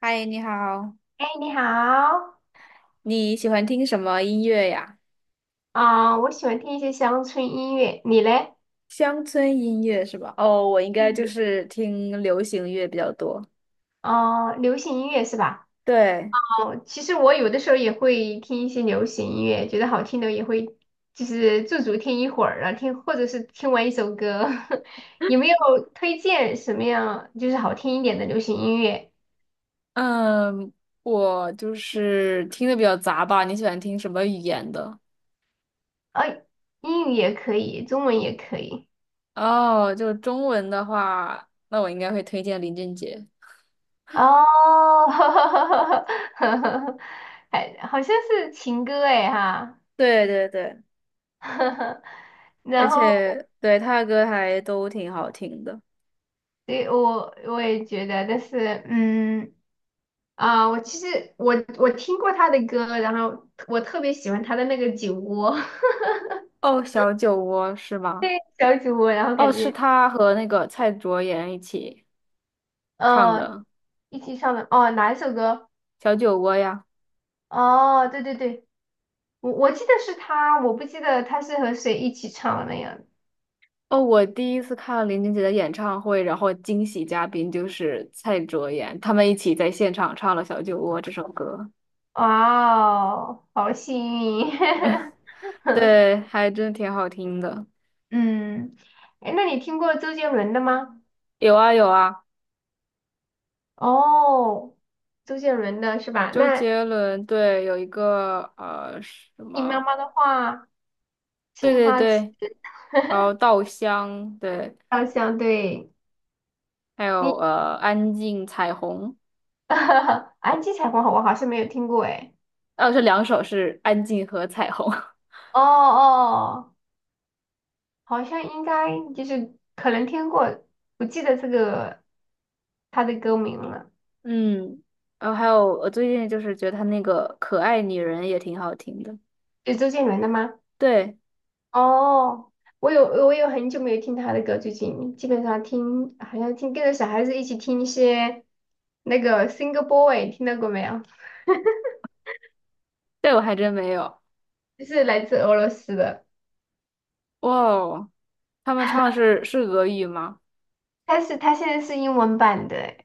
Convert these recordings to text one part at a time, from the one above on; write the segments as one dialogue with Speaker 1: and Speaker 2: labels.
Speaker 1: 嗨，你好，
Speaker 2: 哎，你好。
Speaker 1: 你喜欢听什么音乐呀？
Speaker 2: 我喜欢听一些乡村音乐，你嘞？
Speaker 1: 乡村音乐是吧？哦，我应该就
Speaker 2: 嗯。
Speaker 1: 是听流行乐比较多。
Speaker 2: 哦、流行音乐是吧？
Speaker 1: 对，
Speaker 2: 哦、其实我有的时候也会听一些流行音乐，觉得好听的也会，就是驻足听一会儿啊，听或者是听完一首歌。有没有推荐什么样就是好听一点的流行音乐？
Speaker 1: 嗯，我就是听的比较杂吧。你喜欢听什么语言的？
Speaker 2: 啊、英语也可以，中文也可以。
Speaker 1: 哦，就中文的话，那我应该会推荐林俊杰。
Speaker 2: 哦。还好像是情歌哎哈。
Speaker 1: 对对对，而
Speaker 2: 然后
Speaker 1: 且对他的歌还都挺好听的。
Speaker 2: 对，我也觉得，但是我其实我听过他的歌，然后我特别喜欢他的那个酒窝。
Speaker 1: 哦，小酒窝是吗？
Speaker 2: 小酒窝，然后
Speaker 1: 哦，
Speaker 2: 感
Speaker 1: 是
Speaker 2: 觉
Speaker 1: 他和那个蔡卓妍一起唱
Speaker 2: 嗯、呃
Speaker 1: 的
Speaker 2: 一起唱的哦哪一首歌？
Speaker 1: 《小酒窝》呀。
Speaker 2: 哦，对对对，我记得是他，我不记得他是和谁一起唱的呀？样。
Speaker 1: 哦，我第一次看林俊杰的演唱会，然后惊喜嘉宾就是蔡卓妍，他们一起在现场唱了《小酒窝》这首歌，
Speaker 2: 哦，好幸运。
Speaker 1: 对，还真挺好听的。
Speaker 2: 嗯。哎，那你听过周杰伦的吗？
Speaker 1: 有啊有啊，
Speaker 2: 哦，周杰伦的是吧？
Speaker 1: 周
Speaker 2: 那
Speaker 1: 杰伦对，有一个什
Speaker 2: 你妈
Speaker 1: 么，
Speaker 2: 妈的话，
Speaker 1: 对
Speaker 2: 青
Speaker 1: 对
Speaker 2: 花瓷。
Speaker 1: 对，然后《稻香》对，
Speaker 2: 好像对，
Speaker 1: 还有
Speaker 2: 你。
Speaker 1: 《安静》《彩虹》，
Speaker 2: 安吉彩虹我好像没有听过哎。
Speaker 1: 哦，这两首是《安静》和《彩虹》，
Speaker 2: 哦哦，好像应该就是可能听过，不记得这个他的歌名了。
Speaker 1: 嗯，然后还有我最近就是觉得他那个《可爱女人》也挺好听的。
Speaker 2: 是周杰伦的吗？
Speaker 1: 对，
Speaker 2: 哦，我有很久没有听他的歌，最近基本上听好像听跟着小孩子一起听一些那个 Single Boy,听到过没有？
Speaker 1: 这我还真没有。
Speaker 2: 就是来自俄罗斯的，
Speaker 1: 哇哦，他们唱是俄语吗？
Speaker 2: 但是他现在是英文版的。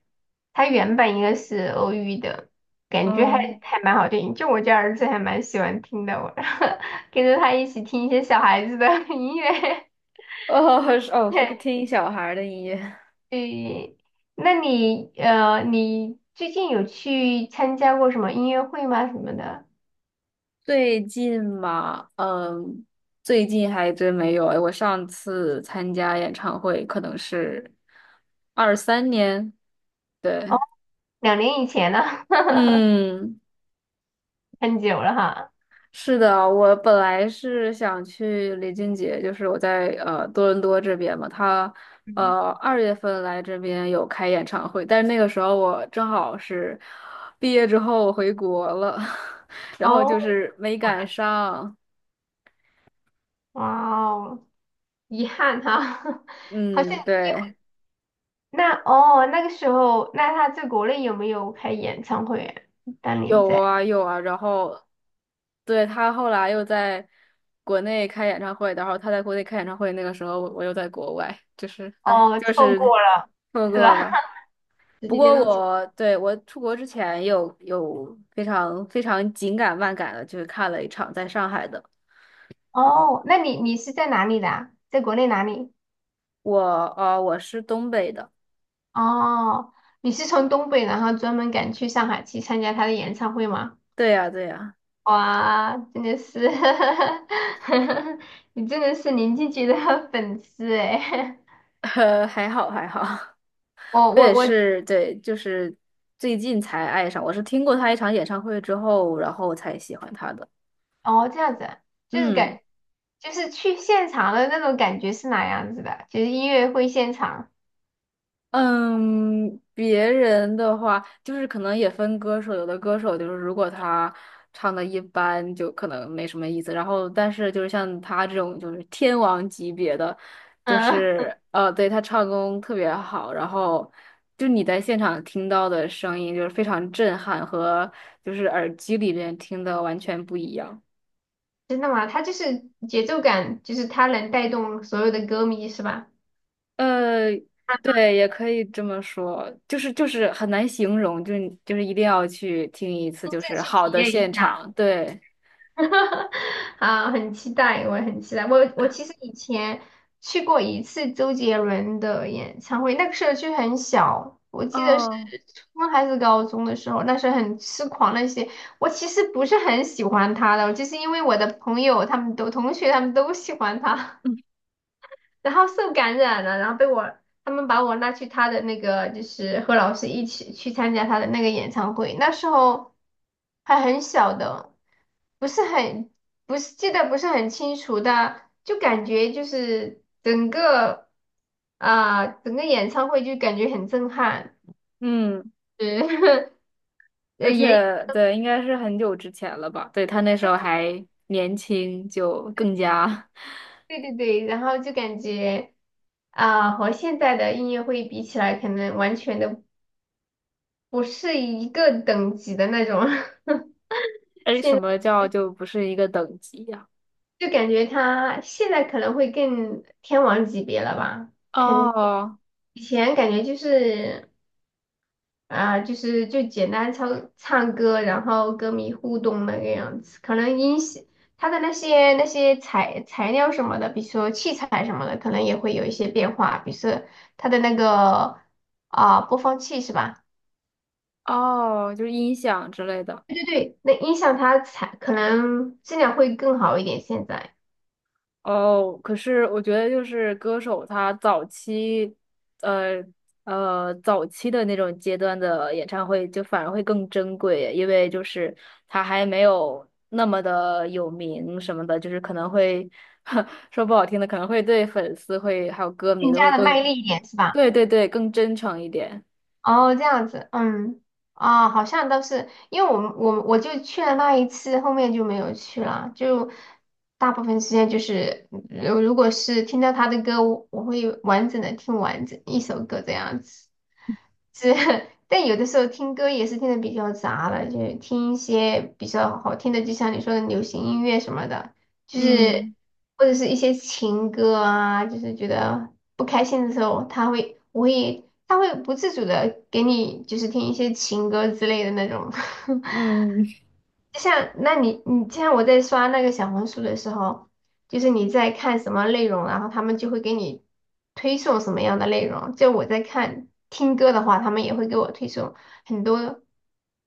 Speaker 2: 它原版应该是欧语的，感觉还
Speaker 1: 嗯，
Speaker 2: 还蛮好听，就我家儿子还蛮喜欢听的，我 跟着他一起听一些小孩子的 音乐。
Speaker 1: 哦是 哦，是个
Speaker 2: 对，
Speaker 1: 听小孩儿的音乐。
Speaker 2: 对。那你你最近有去参加过什么音乐会吗？什么的？
Speaker 1: 最近嘛，嗯，最近还真没有。哎，我上次参加演唱会可能是23年，对，
Speaker 2: 哦，两年以前了。
Speaker 1: 嗯。
Speaker 2: 很久了哈。
Speaker 1: 是的，我本来是想去李俊杰，就是我在多伦多这边嘛，他
Speaker 2: 嗯。
Speaker 1: 2月份来这边有开演唱会，但是那个时候我正好是毕业之后我回国了，然后
Speaker 2: 哦，
Speaker 1: 就是没
Speaker 2: 哇
Speaker 1: 赶上。
Speaker 2: 哦。遗憾哈。好像。
Speaker 1: 嗯，对，
Speaker 2: 那哦，那个时候，那他在国内有没有开演唱会啊？当年
Speaker 1: 有
Speaker 2: 在。
Speaker 1: 啊有啊，然后对他后来又在国内开演唱会，然后他在国内开演唱会，那个时候我又在国外，就是哎，
Speaker 2: 哦，
Speaker 1: 就
Speaker 2: 错
Speaker 1: 是
Speaker 2: 过了，
Speaker 1: 错
Speaker 2: 是吧？
Speaker 1: 过了。
Speaker 2: 直
Speaker 1: 不
Speaker 2: 接
Speaker 1: 过
Speaker 2: 都错。
Speaker 1: 我对我出国之前有非常非常紧赶慢赶的，就是看了一场在上海的。
Speaker 2: 哦，那你是在哪里的啊，在国内哪里？
Speaker 1: 我我是东北的，
Speaker 2: 哦，你是从东北，然后专门赶去上海去参加他的演唱会吗？
Speaker 1: 对呀对呀，
Speaker 2: 哇，真的是。你真的是林俊杰的粉丝哎！
Speaker 1: 还好还好，
Speaker 2: 我
Speaker 1: 我也
Speaker 2: 我我，
Speaker 1: 是对，就是最近才爱上，我是听过他一场演唱会之后，然后才喜欢他的。
Speaker 2: 哦，这样子啊。就是感
Speaker 1: 嗯。
Speaker 2: 就是去现场的那种感觉是哪样子的？就是音乐会现场。
Speaker 1: 嗯，别人的话就是可能也分歌手，有的歌手就是如果他唱的一般，就可能没什么意思。然后，但是就是像他这种就是天王级别的，就
Speaker 2: 嗯。
Speaker 1: 是对他唱功特别好，然后就你在现场听到的声音就是非常震撼，和就是耳机里面听的完全不一样。
Speaker 2: 真的吗？它就是节奏感，就是它能带动所有的歌迷，是吧？
Speaker 1: 呃，
Speaker 2: 啊，
Speaker 1: 对，也可以这么说，就是很难形容，就是一定要去听一次，
Speaker 2: 亲
Speaker 1: 就是
Speaker 2: 自去
Speaker 1: 好
Speaker 2: 体
Speaker 1: 的
Speaker 2: 验一
Speaker 1: 现
Speaker 2: 下。
Speaker 1: 场，对，
Speaker 2: 啊，很期待，我也很期待。我其实以前去过一次周杰伦的演唱会，那个时候就很小，我记得是
Speaker 1: 哦，
Speaker 2: 初中还是高中的时候，那时候很痴狂那些。我其实不是很喜欢他的，就是因为我的朋友他们都，同学他们都喜欢他，
Speaker 1: 嗯
Speaker 2: 然后受感染了，然后他们把我拉去他的那个，就是和老师一起去参加他的那个演唱会。那时候还很小的，不是很不是记得不是很清楚的，就感觉就是整个，整个演唱会就感觉很震撼，
Speaker 1: 嗯，
Speaker 2: 是。 呃
Speaker 1: 而
Speaker 2: 也
Speaker 1: 且对，应该是很久之前了吧？对，他那时候还年轻，就更加，
Speaker 2: 对对对，然后就感觉，和现在的音乐会比起来，可能完全的不是一个等级的那种。
Speaker 1: 哎，什么
Speaker 2: 现
Speaker 1: 叫就不是一个等级呀、
Speaker 2: 就感觉他现在可能会更天王级别了吧，肯定。
Speaker 1: 哦
Speaker 2: 以前感觉就是，就是就简单唱唱歌，然后歌迷互动那个样子，可能音响他的那些那些材料什么的，比如说器材什么的，可能也会有一些变化，比如说他的那个，播放器是吧？
Speaker 1: 哦，就是音响之类的。
Speaker 2: 对对对，那音响它才可能质量会更好一点，现在
Speaker 1: 哦，可是我觉得就是歌手他早期，呃早期的那种阶段的演唱会就反而会更珍贵，因为就是他还没有那么的有名什么的，就是可能会 说不好听的，可能会对粉丝会还有歌迷
Speaker 2: 更
Speaker 1: 都
Speaker 2: 加
Speaker 1: 会
Speaker 2: 的卖
Speaker 1: 更，
Speaker 2: 力一点是吧？
Speaker 1: 对对对，更真诚一点。
Speaker 2: 哦，这样子。嗯。啊，好像都是，因为我们我就去了那一次，后面就没有去了，就大部分时间就是，如果是听到他的歌，我会完整的听完整一首歌这样子，是。但有的时候听歌也是听的比较杂了，就听一些比较好听的，就像你说的流行音乐什么的。就是
Speaker 1: 嗯
Speaker 2: 或者是一些情歌啊，就是觉得不开心的时候，他会，我会，他会不自主的给你就是听一些情歌之类的那种。
Speaker 1: 嗯，
Speaker 2: 就像那你像我在刷那个小红书的时候，就是你在看什么内容，然后他们就会给你推送什么样的内容。就我在看听歌的话，他们也会给我推送很多。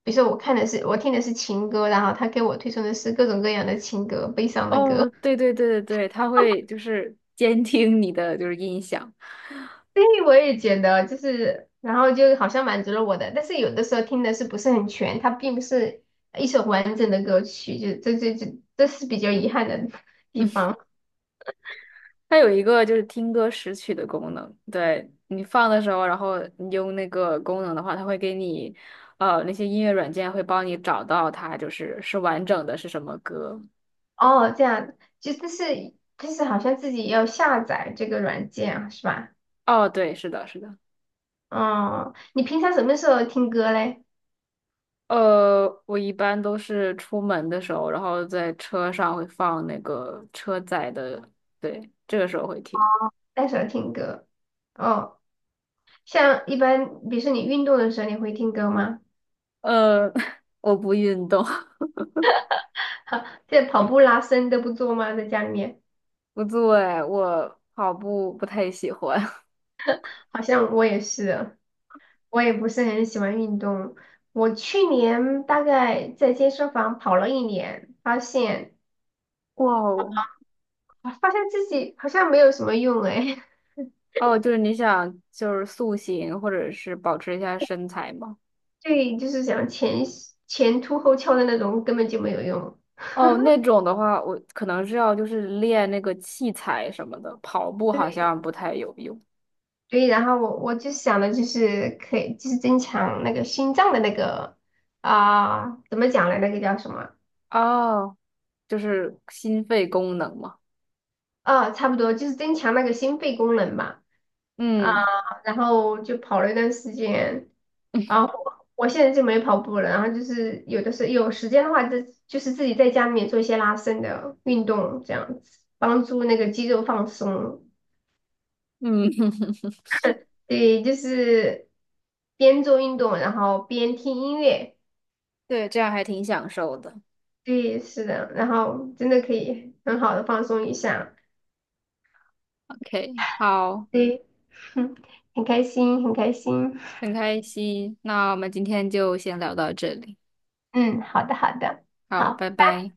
Speaker 2: 比如说我看的是，我听的是情歌，然后他给我推送的是各种各样的情歌，悲伤的歌。
Speaker 1: 哦，对对对对对，他会就是监听你的就是音响。
Speaker 2: 对，我也觉得就是，然后就好像满足了我的，但是有的时候听的是不是很全，它并不是一首完整的歌曲，就这是比较遗憾的地方。
Speaker 1: 它有一个就是听歌识曲的功能，对你放的时候，然后你用那个功能的话，它会给你，那些音乐软件会帮你找到它，就是完整的是什么歌。
Speaker 2: 哦，这样。就但是就是好像自己要下载这个软件啊，是吧？
Speaker 1: 哦，对，是的，是的。
Speaker 2: 哦，你平常什么时候听歌嘞？
Speaker 1: 我一般都是出门的时候，然后在车上会放那个车载的，对，这个时候会听。
Speaker 2: 那时候听歌？哦，像一般，比如说你运动的时候，你会听歌吗？
Speaker 1: 呃，我不运动，
Speaker 2: 哈，这跑步、拉伸都不做吗？在家里面。
Speaker 1: 不对，哎我跑步不太喜欢。
Speaker 2: 好像我也是。我也不是很喜欢运动。我去年大概在健身房跑了一年，发现，
Speaker 1: 哇哦！
Speaker 2: 发现自己好像没有什么用哎。
Speaker 1: 哦，就是你想就是塑形或者是保持一下身材吗？
Speaker 2: 对，就是想，前凸后翘的那种根本就没有用。
Speaker 1: 哦，那种的话，我可能是要就是练那个器材什么的，跑步好
Speaker 2: 对，
Speaker 1: 像不太有用。
Speaker 2: 对，然后我就想的就是可以，就是增强那个心脏的那个，怎么讲呢？那个叫什么？
Speaker 1: 哦，就是心肺功能嘛。
Speaker 2: 呃，差不多就是增强那个心肺功能吧。
Speaker 1: 嗯
Speaker 2: 然后就跑了一段时间，然后我现在就没跑步了，然后就是有的时候有时间的话，就就是自己在家里面做一些拉伸的运动，这样子帮助那个肌肉放松。
Speaker 1: 嗯，
Speaker 2: 对，就是边做运动，然后边听音乐。
Speaker 1: 对，这样还挺享受的。
Speaker 2: 对，是的，然后真的可以很好的放松一下。
Speaker 1: OK，好，
Speaker 2: 对。很开心，很开心。
Speaker 1: 很开心。那我们今天就先聊到这里。
Speaker 2: 嗯，好的，好的，
Speaker 1: 好，
Speaker 2: 好。
Speaker 1: 拜拜。